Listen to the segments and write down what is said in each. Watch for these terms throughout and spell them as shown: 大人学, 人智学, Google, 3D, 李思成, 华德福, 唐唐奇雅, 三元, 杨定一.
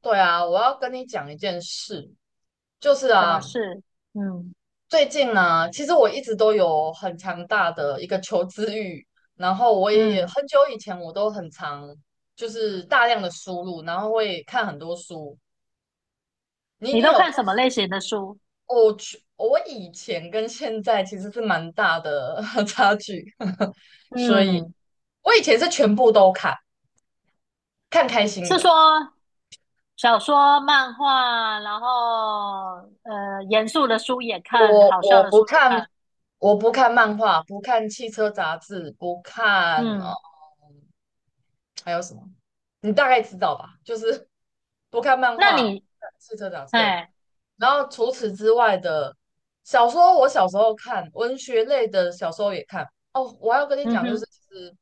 对啊，我要跟你讲一件事，就是什么啊，事？嗯最近呢，其实我一直都有很强大的一个求知欲，然后我也嗯，很久以前我都很常就是大量的输入，然后会看很多书。你你你都有看看什么类书？型的书？我去，我以前跟现在其实是蛮大的 差距，所以嗯，我以前是全部都看，看开心是的。说小说、漫画，然后严肃的书也看，我好笑我的不书也看，看。我不看漫画，不看汽车杂志，不看哦，嗯，还有什么？你大概知道吧？就是不看漫那画，不你，看汽车杂志，对。哎，然后除此之外的小说，我小时候看文学类的小说也看。哦，我还要跟你嗯讲，就是哼，其实，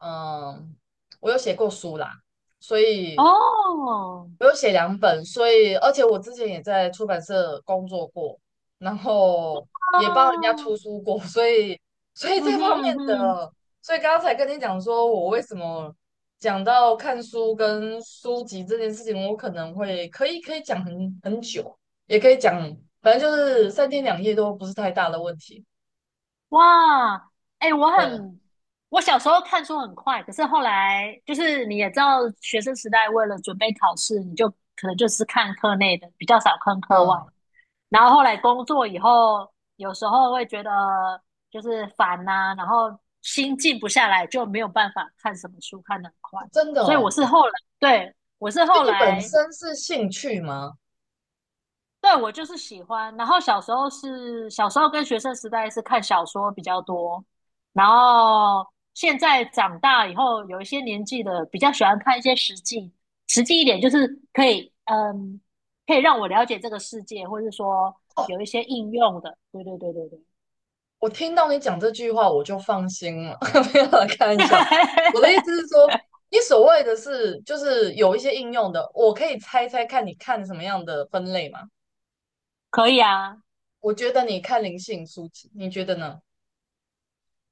嗯，我有写过书啦，所以哦，我有写两本，所以而且我之前也在出版社工作过，然后也帮人家哦，出书过，所以嗯这哼方面嗯哼。的，所以刚才跟你讲说我为什么讲到看书跟书籍这件事情，我可能会可以讲很久，也可以讲，反正就是三天两夜都不是太大的问题。哇，哎、我对，很，我小时候看书很快，可是后来就是你也知道，学生时代为了准备考试，你就可能就是看课内的，比较少看课外。嗯，然后后来工作以后，有时候会觉得就是烦呐、然后心静不下来，就没有办法看什么书看得很快。真的所以我哦。是后来，对，我是所后以你本来身是兴趣吗？对我就是喜欢。然后小时候跟学生时代是看小说比较多，然后现在长大以后有一些年纪的，比较喜欢看一些实际一点，就是可以可以让我了解这个世界，或是说有一些应用的。对对对对对，我听到你讲这句话，我就放心了。没有啦，开玩笑。我的意思是 说，你所谓的是，就是有一些应用的，我可以猜猜看，你看什么样的分类吗？可以啊。我觉得你看灵性书籍，你觉得呢？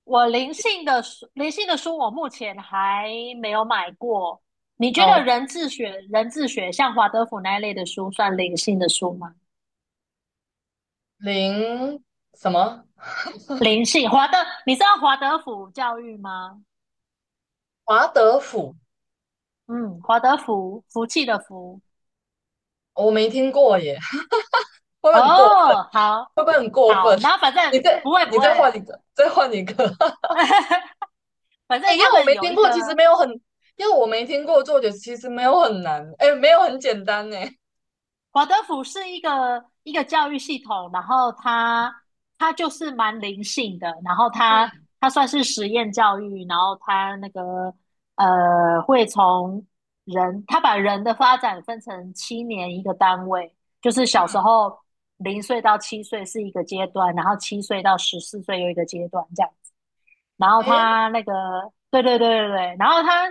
我灵性的书，灵性的书我目前还没有买过。你觉得好，人智学像华德福那一类的书算灵性的书吗？灵什么？灵性，你知道华德福教育吗？华德福，嗯，华德福，福气的福。我没听过耶，会不会很过分？哦，好，会不会很过分？好，然后反 你正再不会你不会，再换一个，再换一个。反哎，正因他为我们没有听一个。过，其实没有很，因为我没听过作者，其实没有很难，哎，没有很简单呢。华德福是一个教育系统，然后他就是蛮灵性的，然后他嗯他算是实验教育，然后他那个会从人，他把人的发展分成7年一个单位，就是小时嗯。候0岁到七岁是一个阶段，然后七岁到14岁又一个阶段这样。然后诶，他那个，对对对对对，然后他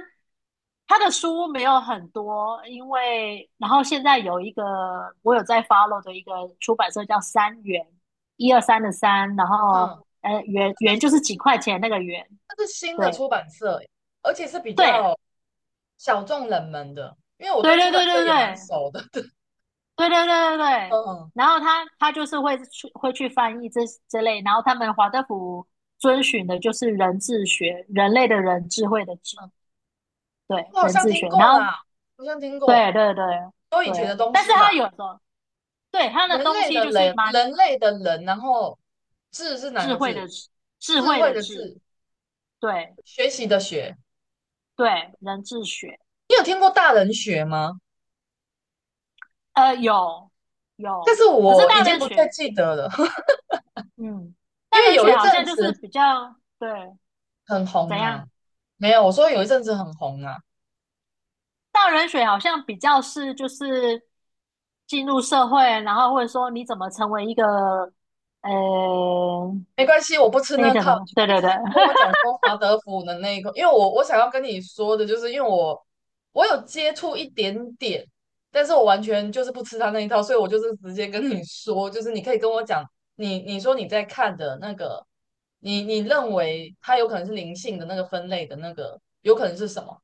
他的书没有很多，因为然后现在有一个我有在 follow 的一个出版社叫三元，一二三的三，然后嗯，元就是几块钱那个元，它是新的对出版社，而且是比对较小众冷门的，因为我对对出对版对对社也蛮对熟的。对对对对 对，嗯然后他就是会去翻译这类，然后他们华德福遵循的就是人智学，人类的人，智慧的智，嗯，对我好人像智听学，然过后。啦，好像听过，对对对都以对，前的东但是西吧。他有时候对他的人东类西的就是人，蛮人类的人，然后智是哪智个慧字？的智，智智慧慧的的智，智，对学习的学。对，人智学，你有听过大人学吗？有但有，是可是我已大经人不太学，记得了，嗯，因大为人有学一好阵像就是子比较对很红怎啊。样，没有，我说有一阵子很红啊。大人学好像比较是就是进入社会，然后或者说你怎么成为一个呃没关系，我不吃那个那叫套，什么？你对可以对直对，接跟我 讲说华德福的那一个，因为我想要跟你说的就是，因为我有接触一点点，但是我完全就是不吃他那一套，所以我就是直接跟你说，就是你可以跟我讲，你说你在看的那个，你认为它有可能是灵性的那个分类的那个，有可能是什么？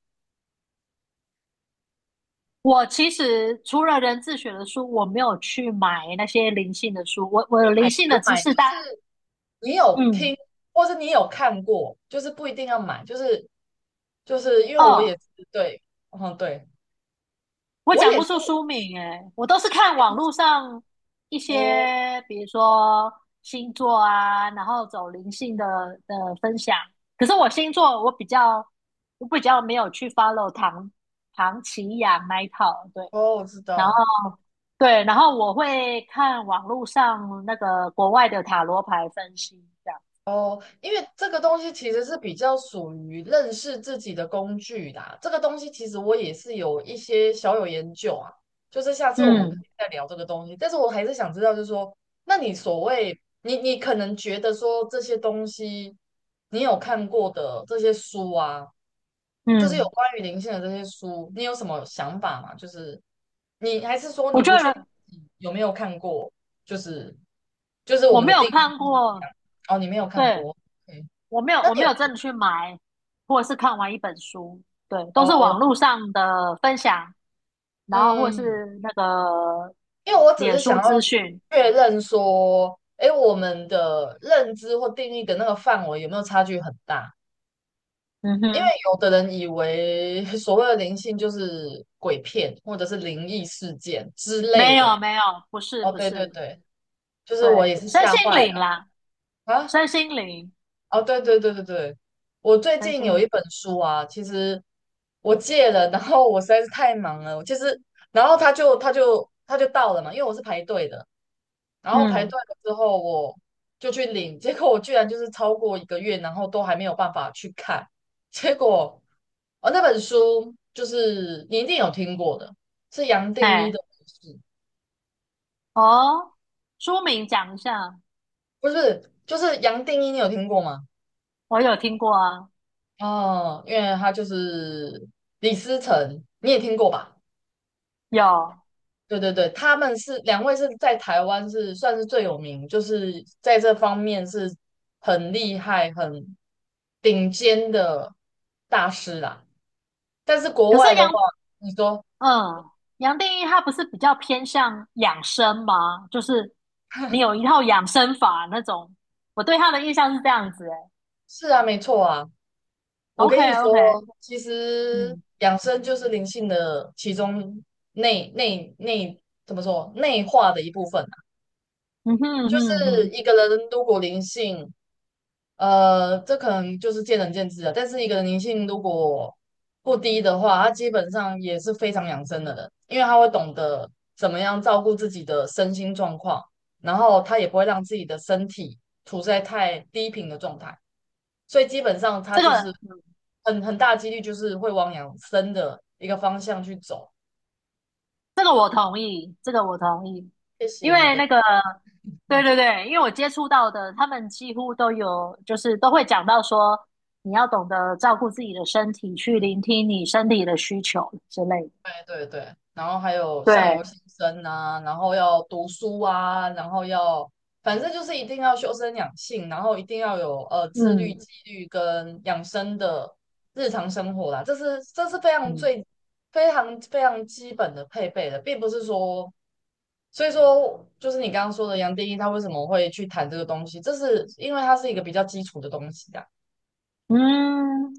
我其实除了人自学的书，我没有去买那些灵性的书。我有灵性的要知买识，就但是你有嗯听，或是你有看过，就是不一定要买，就是因为我哦，也是对，嗯对。我我讲也不是出书名诶，我都是看网络上一哦些，比如说星座啊，然后走灵性的分享。可是我星座我比较没有去 follow 唐奇雅那一套，对，哦，我知然后。道对，然后我会看网络上那个国外的塔罗牌分析，这样。哦，因为这个东西其实是比较属于认识自己的工具啦。这个东西其实我也是有一些小有研究啊，就是下次我们可嗯以再聊这个东西。但是我还是想知道，就是说，那你所谓你可能觉得说这些东西你有看过的这些书啊，就是有嗯，关于灵性的这些书，你有什么想法吗？就是你还是说我你觉不确定得你有没有看过？就是我我们没的有定义看不一过，样哦，你没有看对，过，OK？那我你没有有真的去买，或者是看完一本书，对，都是哦，网络上的分享，然后或嗯，是那个因为我只脸是想书要资讯，确认说，诶，我们的认知或定义的那个范围有没有差距很大？嗯因为哼，有的人以为 所谓的灵性就是鬼片或者是灵异事件之类没的。有没有，不是哦，不对对是，对，就是对，我也是身吓心坏灵了啦，啊！身心灵，哦，对对对对对，我最身近心有灵，一本书啊，其实我借了，然后我实在是太忙了，我其实，然后他就到了嘛，因为我是排队的，然后排队嗯，了之后我就去领，结果我居然就是超过一个月，然后都还没有办法去看，结果哦那本书就是你一定有听过的，是杨定一的哎，故事哦，书名讲一下，不是，就是杨定一，你有听过吗？我有听过啊，哦，因为他就是李思成，你也听过吧？有，对对对，他们是两位是在台湾是算是最有名，就是在这方面是很厉害、很顶尖的大师啦。但是国可是外的话，你说 嗯，杨定一他不是比较偏向养生吗？就是你有一 套养生法那种，我对他的印象是这样子、欸。是啊，没错啊。我 OK 跟你说，OK，其实嗯养生就是灵性的其中内内内怎么说内化的一部分。嗯哼嗯就哼嗯是哼，一个人如果灵性，呃，这可能就是见仁见智了。但是一个人灵性如果不低的话，他基本上也是非常养生的人，因为他会懂得怎么样照顾自己的身心状况，然后他也不会让自己的身体处在太低频的状态。所以基本上他这就是个很大几率就是会往养生的一个方向去走。这个我同意，这个我同意，谢因谢你为的。那个对对对，因为我接触到的他们几乎都有，就是都会讲到说你要懂得照顾自己的身体，去聆听你身体的需求之类的。对对对，然后还有相对，由心生啊，然后要读书啊，然后要，反正就是一定要修身养性，然后一定要有呃自律、嗯纪律跟养生的日常生活啦，这是非常嗯。非常非常基本的配备的，并不是说，所以说就是你刚刚说的杨定一他为什么会去谈这个东西，这是因为它是一个比较基础的东西啊。嗯，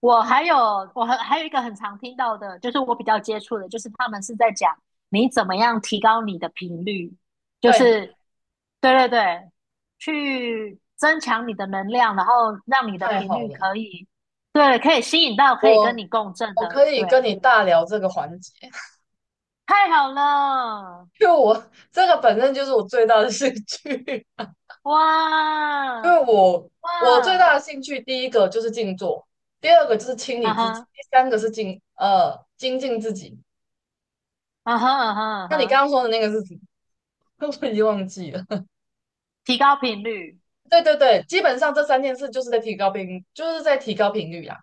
我还有我还有一个很常听到的，就是我比较接触的，就是他们是在讲你怎么样提高你的频率，就对，是对对对，去增强你的能量，然后让你的太频好率了，可以对，可以吸引到可以跟我你共振我的，可以对，跟你大聊这个环节。太好了，就我这个本身就是我最大的兴趣，因哇为我最大哇，的兴趣，第一个就是静坐，第二个就是清理嗯自己，哈第三个是精进自己。啊哈啊哈啊那你刚哈，刚说的那个是什么？我已经忘记了。提高频率对对对，基本上这三件事就是在提高频率啊。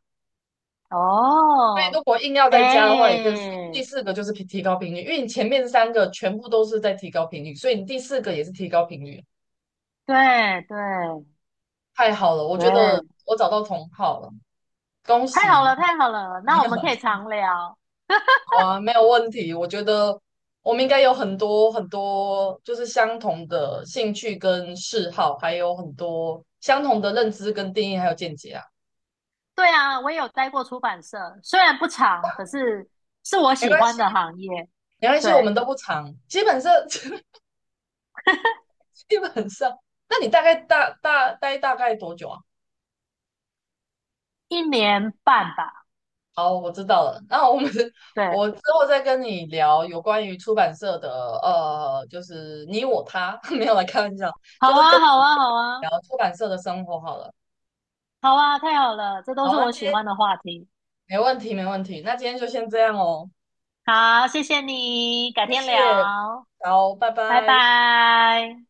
所以哦，如果硬要再加的话，也哎，就是第四个就是提高频率，因为你前面三个全部都是在提高频率，所以你第四个也是提高频率。对对。太好了，我觉得对，我找到同好了，恭喜！太好了，太好了，没那我有。们可以 常聊。啊，没有问题。我觉得我们应该有很多很多，就是相同的兴趣跟嗜好，还有很多相同的认知跟定义，还有见解啊。对啊，我也有待过出版社，虽然不长，可是是我没喜关系，欢的行业。没关对，系，我们都不长，基本上 基本上。那你大概待大概多久啊？1年半吧。好，我知道了。那我们 对，我之后再跟你聊有关于出版社的呃，就是你我他，没有来开玩笑，好就是跟啊，好你啊，好啊，聊出版社的生活好了。好啊，太好了，这都好，是那我今喜欢天。的话题。没问题，没问题。那今天就先这样哦，好，谢谢你，改天聊，好，拜拜拜。拜。